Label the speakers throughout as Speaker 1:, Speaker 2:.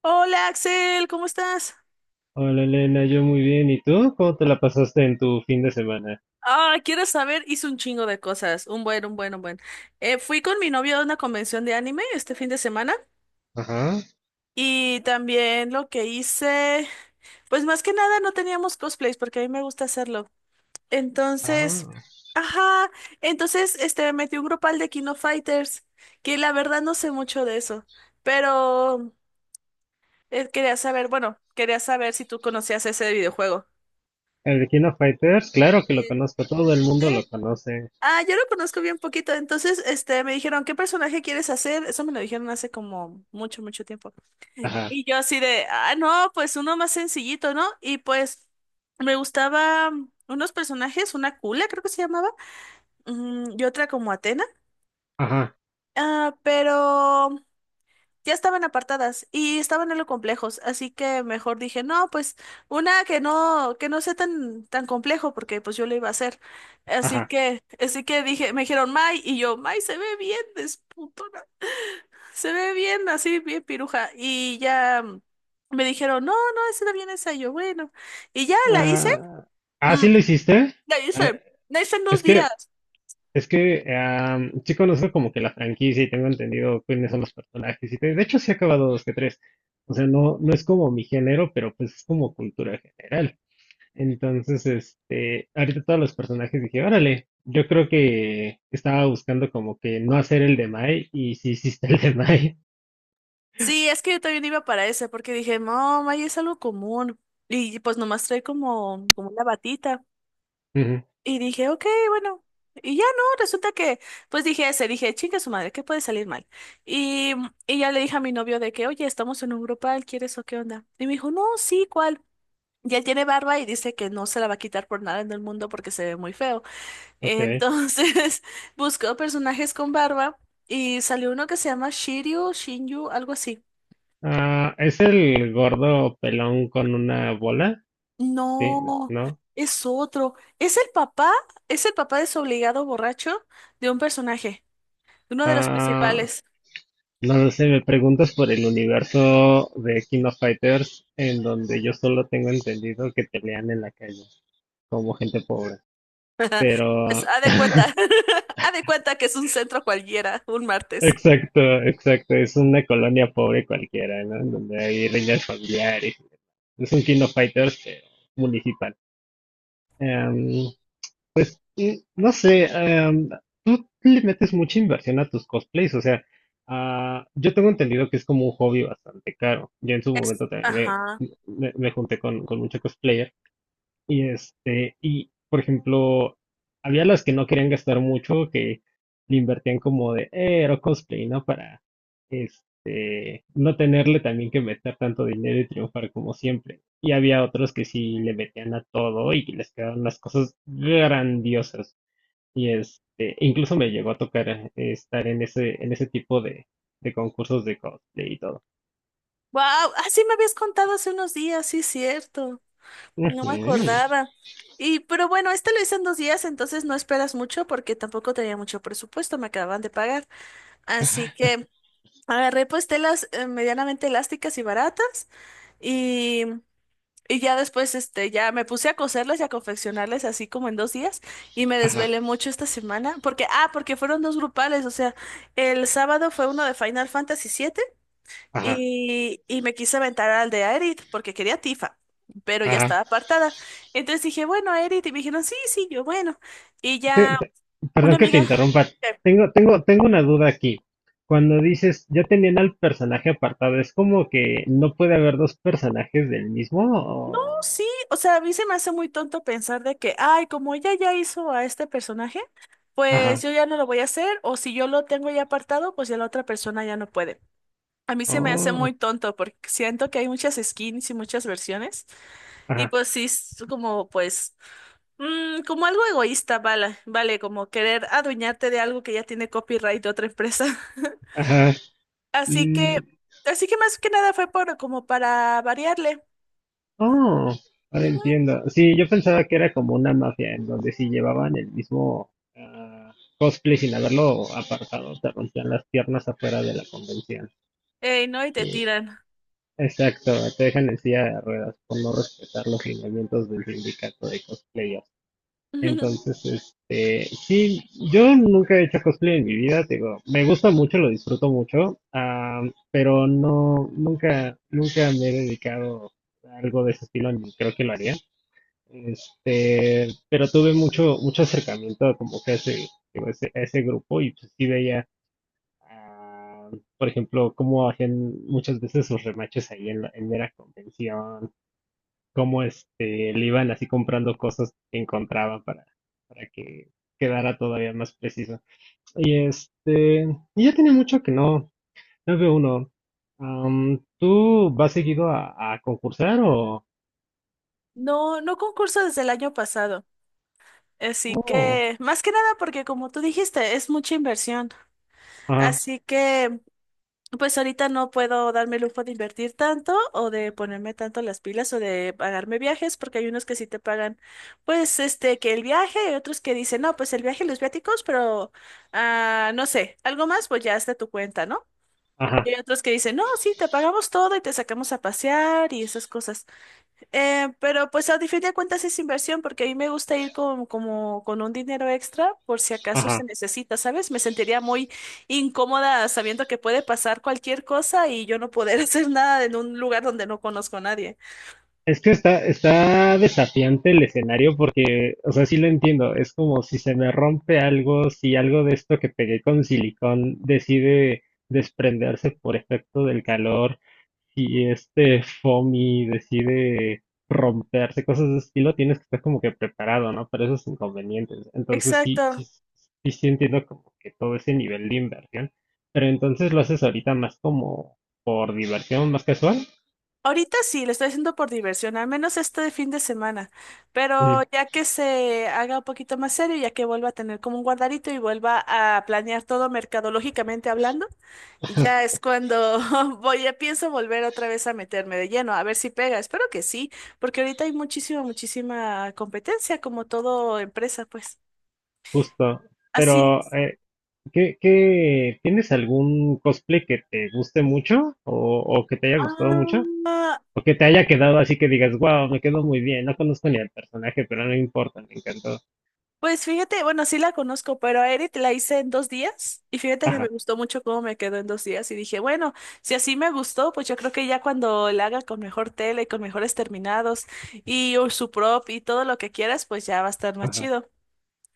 Speaker 1: Hola Axel, ¿cómo estás?
Speaker 2: Hola Elena, yo muy bien. ¿Y tú? ¿Cómo te la pasaste en tu fin de semana?
Speaker 1: Ah, ¿quieres saber? Hice un chingo de cosas, un buen, un buen, un buen. Fui con mi novio a una convención de anime este fin de semana
Speaker 2: Ajá.
Speaker 1: y también lo que hice, pues más que nada no teníamos cosplays porque a mí me gusta hacerlo. Entonces,
Speaker 2: Ah,
Speaker 1: ajá, entonces este metí un grupal de Kino Fighters, que la verdad no sé mucho de eso, pero quería saber, bueno, quería saber si tú conocías ese videojuego.
Speaker 2: el de King of Fighters, claro que lo conozco, todo el
Speaker 1: Sí.
Speaker 2: mundo lo conoce.
Speaker 1: Ah, yo lo conozco bien poquito. Entonces, este, me dijeron, ¿qué personaje quieres hacer? Eso me lo dijeron hace como mucho, mucho tiempo.
Speaker 2: Ajá,
Speaker 1: Y yo así de, ah, no, pues uno más sencillito, ¿no? Y pues me gustaba unos personajes, una Kula, creo que se llamaba, y otra como Atena.
Speaker 2: ajá,
Speaker 1: Ah, pero ya estaban apartadas y estaban algo complejos, así que mejor dije, no, pues una que no sea tan, tan complejo, porque pues yo lo iba a hacer. Así
Speaker 2: ajá.
Speaker 1: que, así que dije, me dijeron May, y yo, May se ve bien, desputona, se ve bien, así bien piruja. Y ya me dijeron, no, no, esa era bien esa, y yo, bueno. Y ya la hice,
Speaker 2: Ah, ah,
Speaker 1: mm,
Speaker 2: ¿sí lo hiciste?
Speaker 1: la
Speaker 2: Ah,
Speaker 1: hice, la hice en dos
Speaker 2: es
Speaker 1: días.
Speaker 2: que, es que sí conozco como que la franquicia y tengo entendido quiénes son los personajes y todo. De hecho, sí he acabado dos que tres. O sea, no, no es como mi género, pero pues es como cultura general. Entonces, este, ahorita todos los personajes dije, órale, yo creo que estaba buscando como que no hacer el de Mai y sí hiciste el de Mai.
Speaker 1: Sí, es que yo también iba para ese, porque dije, no, May es algo común. Y pues nomás trae como una batita.
Speaker 2: Ujú.
Speaker 1: Y dije, ok, bueno. Y ya no, resulta que, pues dije, chinga su madre, ¿qué puede salir mal? Y, y ya le dije a mi novio de que, oye, estamos en un grupal, ¿quieres o qué onda? Y me dijo, no, sí, ¿cuál? Y él tiene barba y dice que no se la va a quitar por nada en el mundo porque se ve muy feo.
Speaker 2: Ok.
Speaker 1: Entonces, buscó personajes con barba y salió uno que se llama Shiryu, Shinyu, algo así.
Speaker 2: Ah, ¿es el gordo pelón con una bola? Sí,
Speaker 1: No,
Speaker 2: ¿no?
Speaker 1: es otro. Es el papá, es el papá desobligado borracho de un personaje. Uno de los
Speaker 2: Ah,
Speaker 1: principales.
Speaker 2: no lo sé, me preguntas por el universo de King of Fighters en donde yo solo tengo entendido que pelean en la calle como gente pobre.
Speaker 1: Pues
Speaker 2: Pero.
Speaker 1: haz de cuenta, haz de cuenta que es un centro cualquiera, un martes.
Speaker 2: Exacto, exacto. Es una colonia pobre cualquiera, ¿no? En donde hay riñas familiares. Es un King of Fighters, pero municipal. Em, y no sé, tú le metes mucha inversión a tus cosplays, o sea, ah, yo tengo entendido que es como un hobby bastante caro. Yo en su
Speaker 1: Es,
Speaker 2: momento también
Speaker 1: ajá.
Speaker 2: me junté con muchos cosplayers. Y este, y por ejemplo, había las que no querían gastar mucho, que le invertían como de, era cosplay, ¿no? Para, este, no tenerle también que meter tanto dinero y triunfar como siempre. Y había otros que sí le metían a todo y les quedaban las cosas grandiosas. Y este, incluso me llegó a tocar estar en ese tipo de concursos de cosplay y todo.
Speaker 1: Wow, así me habías contado hace unos días, sí, cierto. No me
Speaker 2: Ujú.
Speaker 1: acordaba. Pero bueno, este lo hice en 2 días, entonces no esperas mucho porque tampoco tenía mucho presupuesto, me acababan de pagar. Así que agarré pues telas medianamente elásticas y baratas. Y Y ya después, este, ya me puse a coserlas y a confeccionarles así como en 2 días, y me
Speaker 2: Ajá,
Speaker 1: desvelé mucho esta semana porque fueron dos grupales, o sea, el sábado fue uno de Final Fantasy VII
Speaker 2: ajá,
Speaker 1: y me quise aventar al de Aerith porque quería Tifa, pero ya
Speaker 2: ajá.
Speaker 1: estaba apartada. Entonces dije, bueno, Aerith, y me dijeron, sí, sí, yo, bueno. Y
Speaker 2: Te-
Speaker 1: ya
Speaker 2: te-
Speaker 1: una
Speaker 2: perdón que te
Speaker 1: amiga...
Speaker 2: interrumpa. Tengo una duda aquí. Cuando dices, ya tenían al personaje apartado, ¿es como que no puede haber dos personajes del mismo?
Speaker 1: No, sí, o sea, a mí se me hace muy tonto pensar de que, ay, como ella ya hizo a este personaje, pues
Speaker 2: Ajá.
Speaker 1: yo ya no lo voy a hacer, o si yo lo tengo ya apartado, pues ya la otra persona ya no puede. A mí se me hace muy
Speaker 2: Oh,
Speaker 1: tonto porque siento que hay muchas skins y muchas versiones, y
Speaker 2: ajá.
Speaker 1: pues sí, es como algo egoísta, vale, vale, como querer adueñarte de algo que ya tiene copyright de otra empresa.
Speaker 2: Ajá.
Speaker 1: Así
Speaker 2: Mm,
Speaker 1: que, así que más que nada fue como para variarle.
Speaker 2: oh, ahora
Speaker 1: Ujú.
Speaker 2: entiendo. Sí, yo pensaba que era como una mafia en donde si llevaban el mismo ah, cosplay sin haberlo apartado, te rompían las piernas afuera de la convención.
Speaker 1: No, y te
Speaker 2: Sí.
Speaker 1: tiran.
Speaker 2: Exacto, te dejan en silla de ruedas por no respetar los lineamientos del sindicato de cosplayers. Entonces, este, sí, yo nunca he hecho cosplay en mi vida, te digo, me gusta mucho, lo disfruto mucho, ah, pero no, nunca, nunca me he dedicado a algo de ese estilo, ni creo que lo haría. Este, pero tuve mucho, mucho acercamiento como que a ese, digo, a ese grupo y pues sí veía. Ah, por ejemplo, cómo hacían muchas veces sus remaches ahí en mera convención, cómo este, le iban así comprando cosas que encontraban para que quedara todavía más preciso. Y este, y ya tiene mucho que no, no veo uno. ¿Tú vas seguido a concursar o?
Speaker 1: No, no concurso desde el año pasado. Así
Speaker 2: Oh,
Speaker 1: que, más que nada porque como tú dijiste, es mucha inversión.
Speaker 2: ajá,
Speaker 1: Así que, pues ahorita no puedo darme el lujo de invertir tanto o de ponerme tanto las pilas o de pagarme viajes porque hay unos que sí te pagan, pues, este, que el viaje, y otros que dicen, no, pues el viaje y los viáticos, pero, no sé, algo más, pues ya es de tu cuenta, ¿no? Y
Speaker 2: ajá,
Speaker 1: hay otros que dicen, no, sí, te pagamos todo y te sacamos a pasear y esas cosas. Pero pues a fin de cuentas es inversión porque a mí me gusta ir con, como con un dinero extra por si acaso se
Speaker 2: ajá.
Speaker 1: necesita, ¿sabes? Me sentiría muy incómoda sabiendo que puede pasar cualquier cosa y yo no poder hacer nada en un lugar donde no conozco a nadie.
Speaker 2: Es que está desafiante el escenario porque, o sea, sí lo entiendo. Es como si se me rompe algo, si algo de esto que pegué con silicón decide desprenderse por efecto del calor, si este foamy decide romperse, cosas de ese estilo, tienes que estar como que preparado, ¿no? Para esos inconvenientes. Entonces sí, sí,
Speaker 1: Exacto.
Speaker 2: sí, sí entiendo como que todo ese nivel de inversión. Pero entonces lo haces ahorita más como por diversión, más casual.
Speaker 1: Ahorita sí, lo estoy haciendo por diversión, al menos este fin de semana.
Speaker 2: Mm.
Speaker 1: Pero ya que se haga un poquito más serio, ya que vuelva a tener como un guardarito y vuelva a planear todo mercadológicamente hablando, y ya es cuando ya pienso volver otra vez a meterme de lleno, a ver si pega. Espero que sí, porque ahorita hay muchísima, muchísima competencia, como todo empresa, pues.
Speaker 2: Justo.
Speaker 1: Así
Speaker 2: Pero,
Speaker 1: es.
Speaker 2: ¿ tienes algún cosplay que te guste mucho o que te haya gustado mucho?
Speaker 1: Ah,
Speaker 2: O que te haya quedado así que digas, wow, me quedó muy bien, no conozco ni al personaje, pero no importa, me encantó.
Speaker 1: pues fíjate, bueno, sí la conozco, pero a Edith la hice en 2 días y fíjate que me
Speaker 2: Ajá,
Speaker 1: gustó mucho cómo me quedó en 2 días y dije, bueno, si así me gustó, pues yo creo que ya cuando la haga con mejor tela y con mejores terminados y o su prop y todo lo que quieras, pues ya va a estar más
Speaker 2: ajá.
Speaker 1: chido.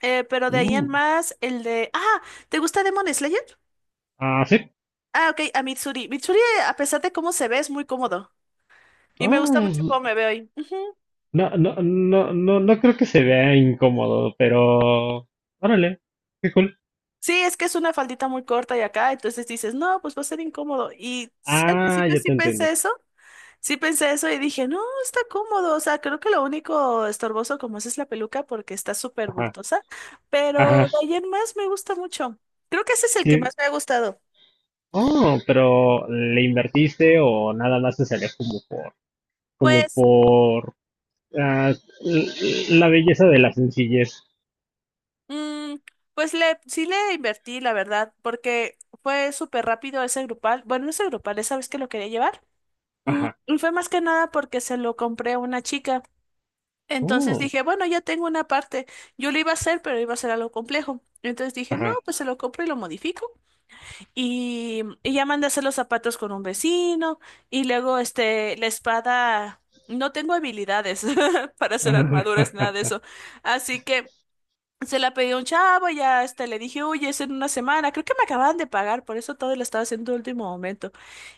Speaker 1: Pero de ahí en
Speaker 2: Mm,
Speaker 1: más, el de... Ah, ¿te gusta Demon Slayer?
Speaker 2: ah, sí.
Speaker 1: Ah, ok, a Mitsuri. Mitsuri, a pesar de cómo se ve, es muy cómodo y me gusta
Speaker 2: Ah,
Speaker 1: mucho cómo me veo ahí.
Speaker 2: no, no, no, no, no creo que se vea incómodo, pero. Órale, qué cool.
Speaker 1: Sí, es que es una faldita muy corta y acá, entonces dices, no, pues va a ser incómodo. Y sí, al
Speaker 2: Ah,
Speaker 1: principio
Speaker 2: ya
Speaker 1: sí
Speaker 2: te entiendo.
Speaker 1: pensé eso, sí pensé eso y dije, no, está cómodo, o sea, creo que lo único estorboso como es la peluca porque está súper
Speaker 2: Ajá,
Speaker 1: bultosa, pero
Speaker 2: ajá.
Speaker 1: de ahí en más me gusta mucho. Creo que ese es el que más
Speaker 2: Sí.
Speaker 1: me ha gustado.
Speaker 2: Oh, pero ¿le invertiste o nada más te salió como por como
Speaker 1: Pues,
Speaker 2: por ah, la belleza de la sencillez?
Speaker 1: mm, sí le invertí, la verdad, porque fue súper rápido ese grupal. Bueno, no ese grupal, ¿sabes que lo quería llevar?
Speaker 2: Ajá.
Speaker 1: Y fue más que nada porque se lo compré a una chica. Entonces
Speaker 2: Oh,
Speaker 1: dije, bueno, ya tengo una parte. Yo lo iba a hacer, pero iba a ser algo complejo. Entonces dije, no,
Speaker 2: ajá.
Speaker 1: pues se lo compro y lo modifico. Y ya mandé a hacer los zapatos con un vecino. Y luego, este, la espada. No tengo habilidades para hacer
Speaker 2: Ajá.
Speaker 1: armaduras, nada de
Speaker 2: Ajá.
Speaker 1: eso. Así que se la pedí a un chavo, ya este, le dije, oye, es en una semana. Creo que me acababan de pagar, por eso todo lo estaba haciendo de último momento.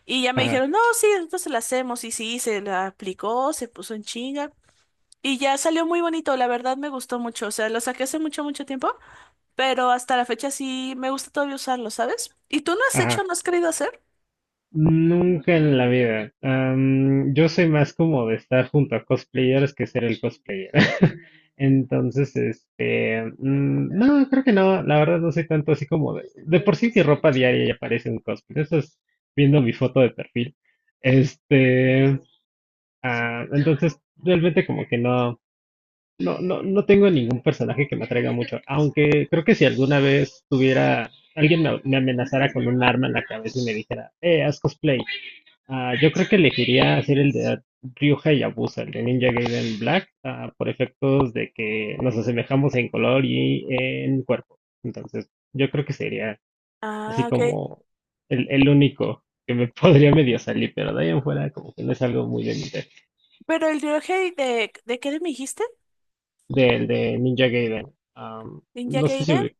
Speaker 1: Y ya me
Speaker 2: Ajá.
Speaker 1: dijeron, no, sí, entonces la hacemos. Y sí, se la aplicó, se puso en chinga. Y ya salió muy bonito, la verdad me gustó mucho. O sea, lo saqué hace mucho, mucho tiempo, pero hasta la fecha sí me gusta todavía usarlo, ¿sabes? ¿Y tú no has hecho,
Speaker 2: Ajá.
Speaker 1: no has querido hacer?
Speaker 2: Nunca en la vida. Yo soy más como de estar junto a cosplayers que ser el cosplayer. Entonces, este, no, creo que no, la verdad no soy tanto así como de por sí mi ropa diaria ya parece un cosplay. Eso es viendo mi foto de perfil. Este, ah, entonces realmente como que no. No, no, no tengo ningún personaje que me atraiga mucho, aunque creo que si alguna vez tuviera, alguien me amenazara con un arma en la cabeza y me dijera, haz cosplay, ah, yo creo que elegiría hacer el de Ryuja y Abusa, el de Ninja Gaiden Black, ah, por efectos de que nos asemejamos en color y en cuerpo. Entonces, yo creo que sería así
Speaker 1: Ah, ok.
Speaker 2: como el único que me podría medio salir, pero de ahí en fuera como que no es algo muy de
Speaker 1: Pero el Ryohei ¿De qué me dijiste?
Speaker 2: del de Ninja Gaiden. Am,
Speaker 1: ¿Ninja
Speaker 2: no sé
Speaker 1: Gaiden?
Speaker 2: si.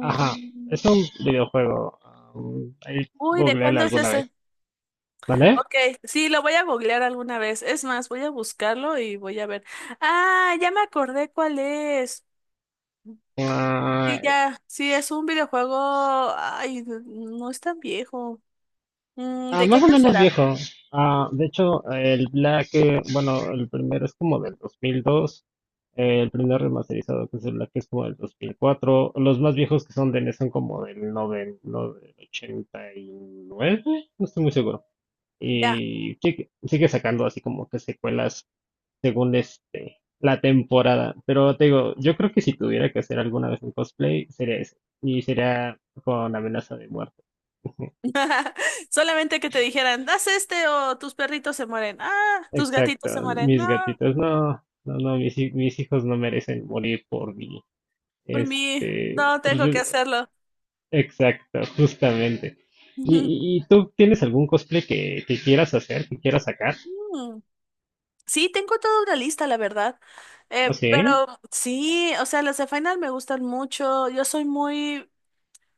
Speaker 2: Ajá, es un videojuego. Ahí
Speaker 1: Uy, ¿de
Speaker 2: googlearlo
Speaker 1: cuándo es
Speaker 2: alguna
Speaker 1: ese?
Speaker 2: vez, ¿vale?
Speaker 1: Ok, sí, lo voy a googlear alguna vez. Es más, voy a buscarlo y voy a ver. Ah, ya me acordé cuál es. Sí,
Speaker 2: Ah,
Speaker 1: ya, sí, es un videojuego. Ay, no es tan viejo.
Speaker 2: ah,
Speaker 1: ¿De qué
Speaker 2: más o
Speaker 1: año
Speaker 2: menos
Speaker 1: será?
Speaker 2: viejo. Ah, de hecho, el Black, bueno, el primero es como del 2002. El primer remasterizado, que es el Black, es como del 2004. Los más viejos que son de NES son como del 90, no, del 89, no estoy muy seguro.
Speaker 1: Ya.
Speaker 2: Y sigue sacando así como que secuelas según este, la temporada. Pero te digo, yo creo que si tuviera que hacer alguna vez un cosplay, sería ese. Y sería con amenaza de muerte.
Speaker 1: Solamente que te dijeran, haz este o tus perritos se mueren. Ah, tus
Speaker 2: Exacto,
Speaker 1: gatitos se mueren. No,
Speaker 2: mis gatitos, no, no, no, mis hijos no merecen morir por mí.
Speaker 1: por mí,
Speaker 2: Este,
Speaker 1: no tengo que hacerlo.
Speaker 2: exacto, justamente. ¿Y,
Speaker 1: Ujú.
Speaker 2: y tú tienes algún cosplay que quieras hacer, que quieras sacar?
Speaker 1: Mm. Sí, tengo toda una lista, la verdad.
Speaker 2: ¿Ah, sí?
Speaker 1: Pero sí, o sea, las de Final me gustan mucho. Yo soy muy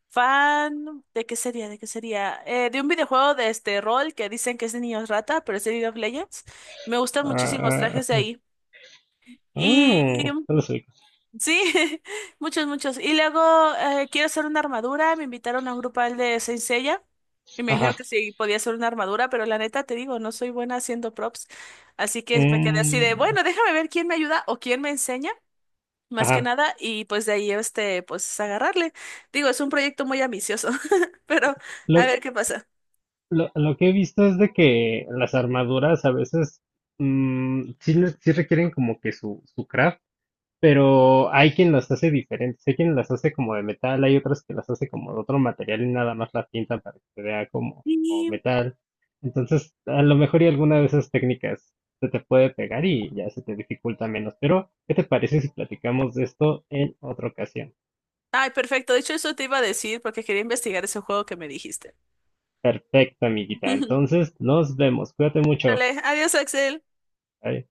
Speaker 1: fan de qué sería, de qué sería. De un videojuego de este rol que dicen que es de niños rata, pero es de League of Legends. Me gustan
Speaker 2: Ah,
Speaker 1: muchísimos
Speaker 2: ah,
Speaker 1: trajes de
Speaker 2: ah,
Speaker 1: ahí. Y
Speaker 2: mm, no lo sé.
Speaker 1: sí, muchos, muchos. Y luego quiero hacer una armadura. Me invitaron a un grupal de Saint Seiya y me dijeron
Speaker 2: Ajá.
Speaker 1: que sí podía hacer una armadura, pero la neta te digo, no soy buena haciendo props. Así que me quedé así de,
Speaker 2: Mm,
Speaker 1: bueno, déjame ver quién me ayuda o quién me enseña, más que
Speaker 2: ajá.
Speaker 1: nada, y pues de ahí este, pues agarrarle. Digo, es un proyecto muy ambicioso, pero a ver qué pasa.
Speaker 2: Lo que he visto es de que las armaduras a veces mm, sí requieren como que su craft, pero hay quien las hace diferentes, hay quien las hace como de metal, hay otras que las hace como de otro material y nada más las pintan para que se vea como
Speaker 1: Y-
Speaker 2: metal. Entonces, a lo mejor y alguna de esas técnicas se te puede pegar y ya se te dificulta menos. Pero, ¿qué te parece si platicamos de esto en otra ocasión?
Speaker 1: Ay, perfecto. De hecho, eso te iba a decir porque quería investigar ese juego que me dijiste.
Speaker 2: Perfecto, amiguita. Entonces, nos vemos. Cuídate mucho.
Speaker 1: Dale, adiós, Axel.
Speaker 2: Bye.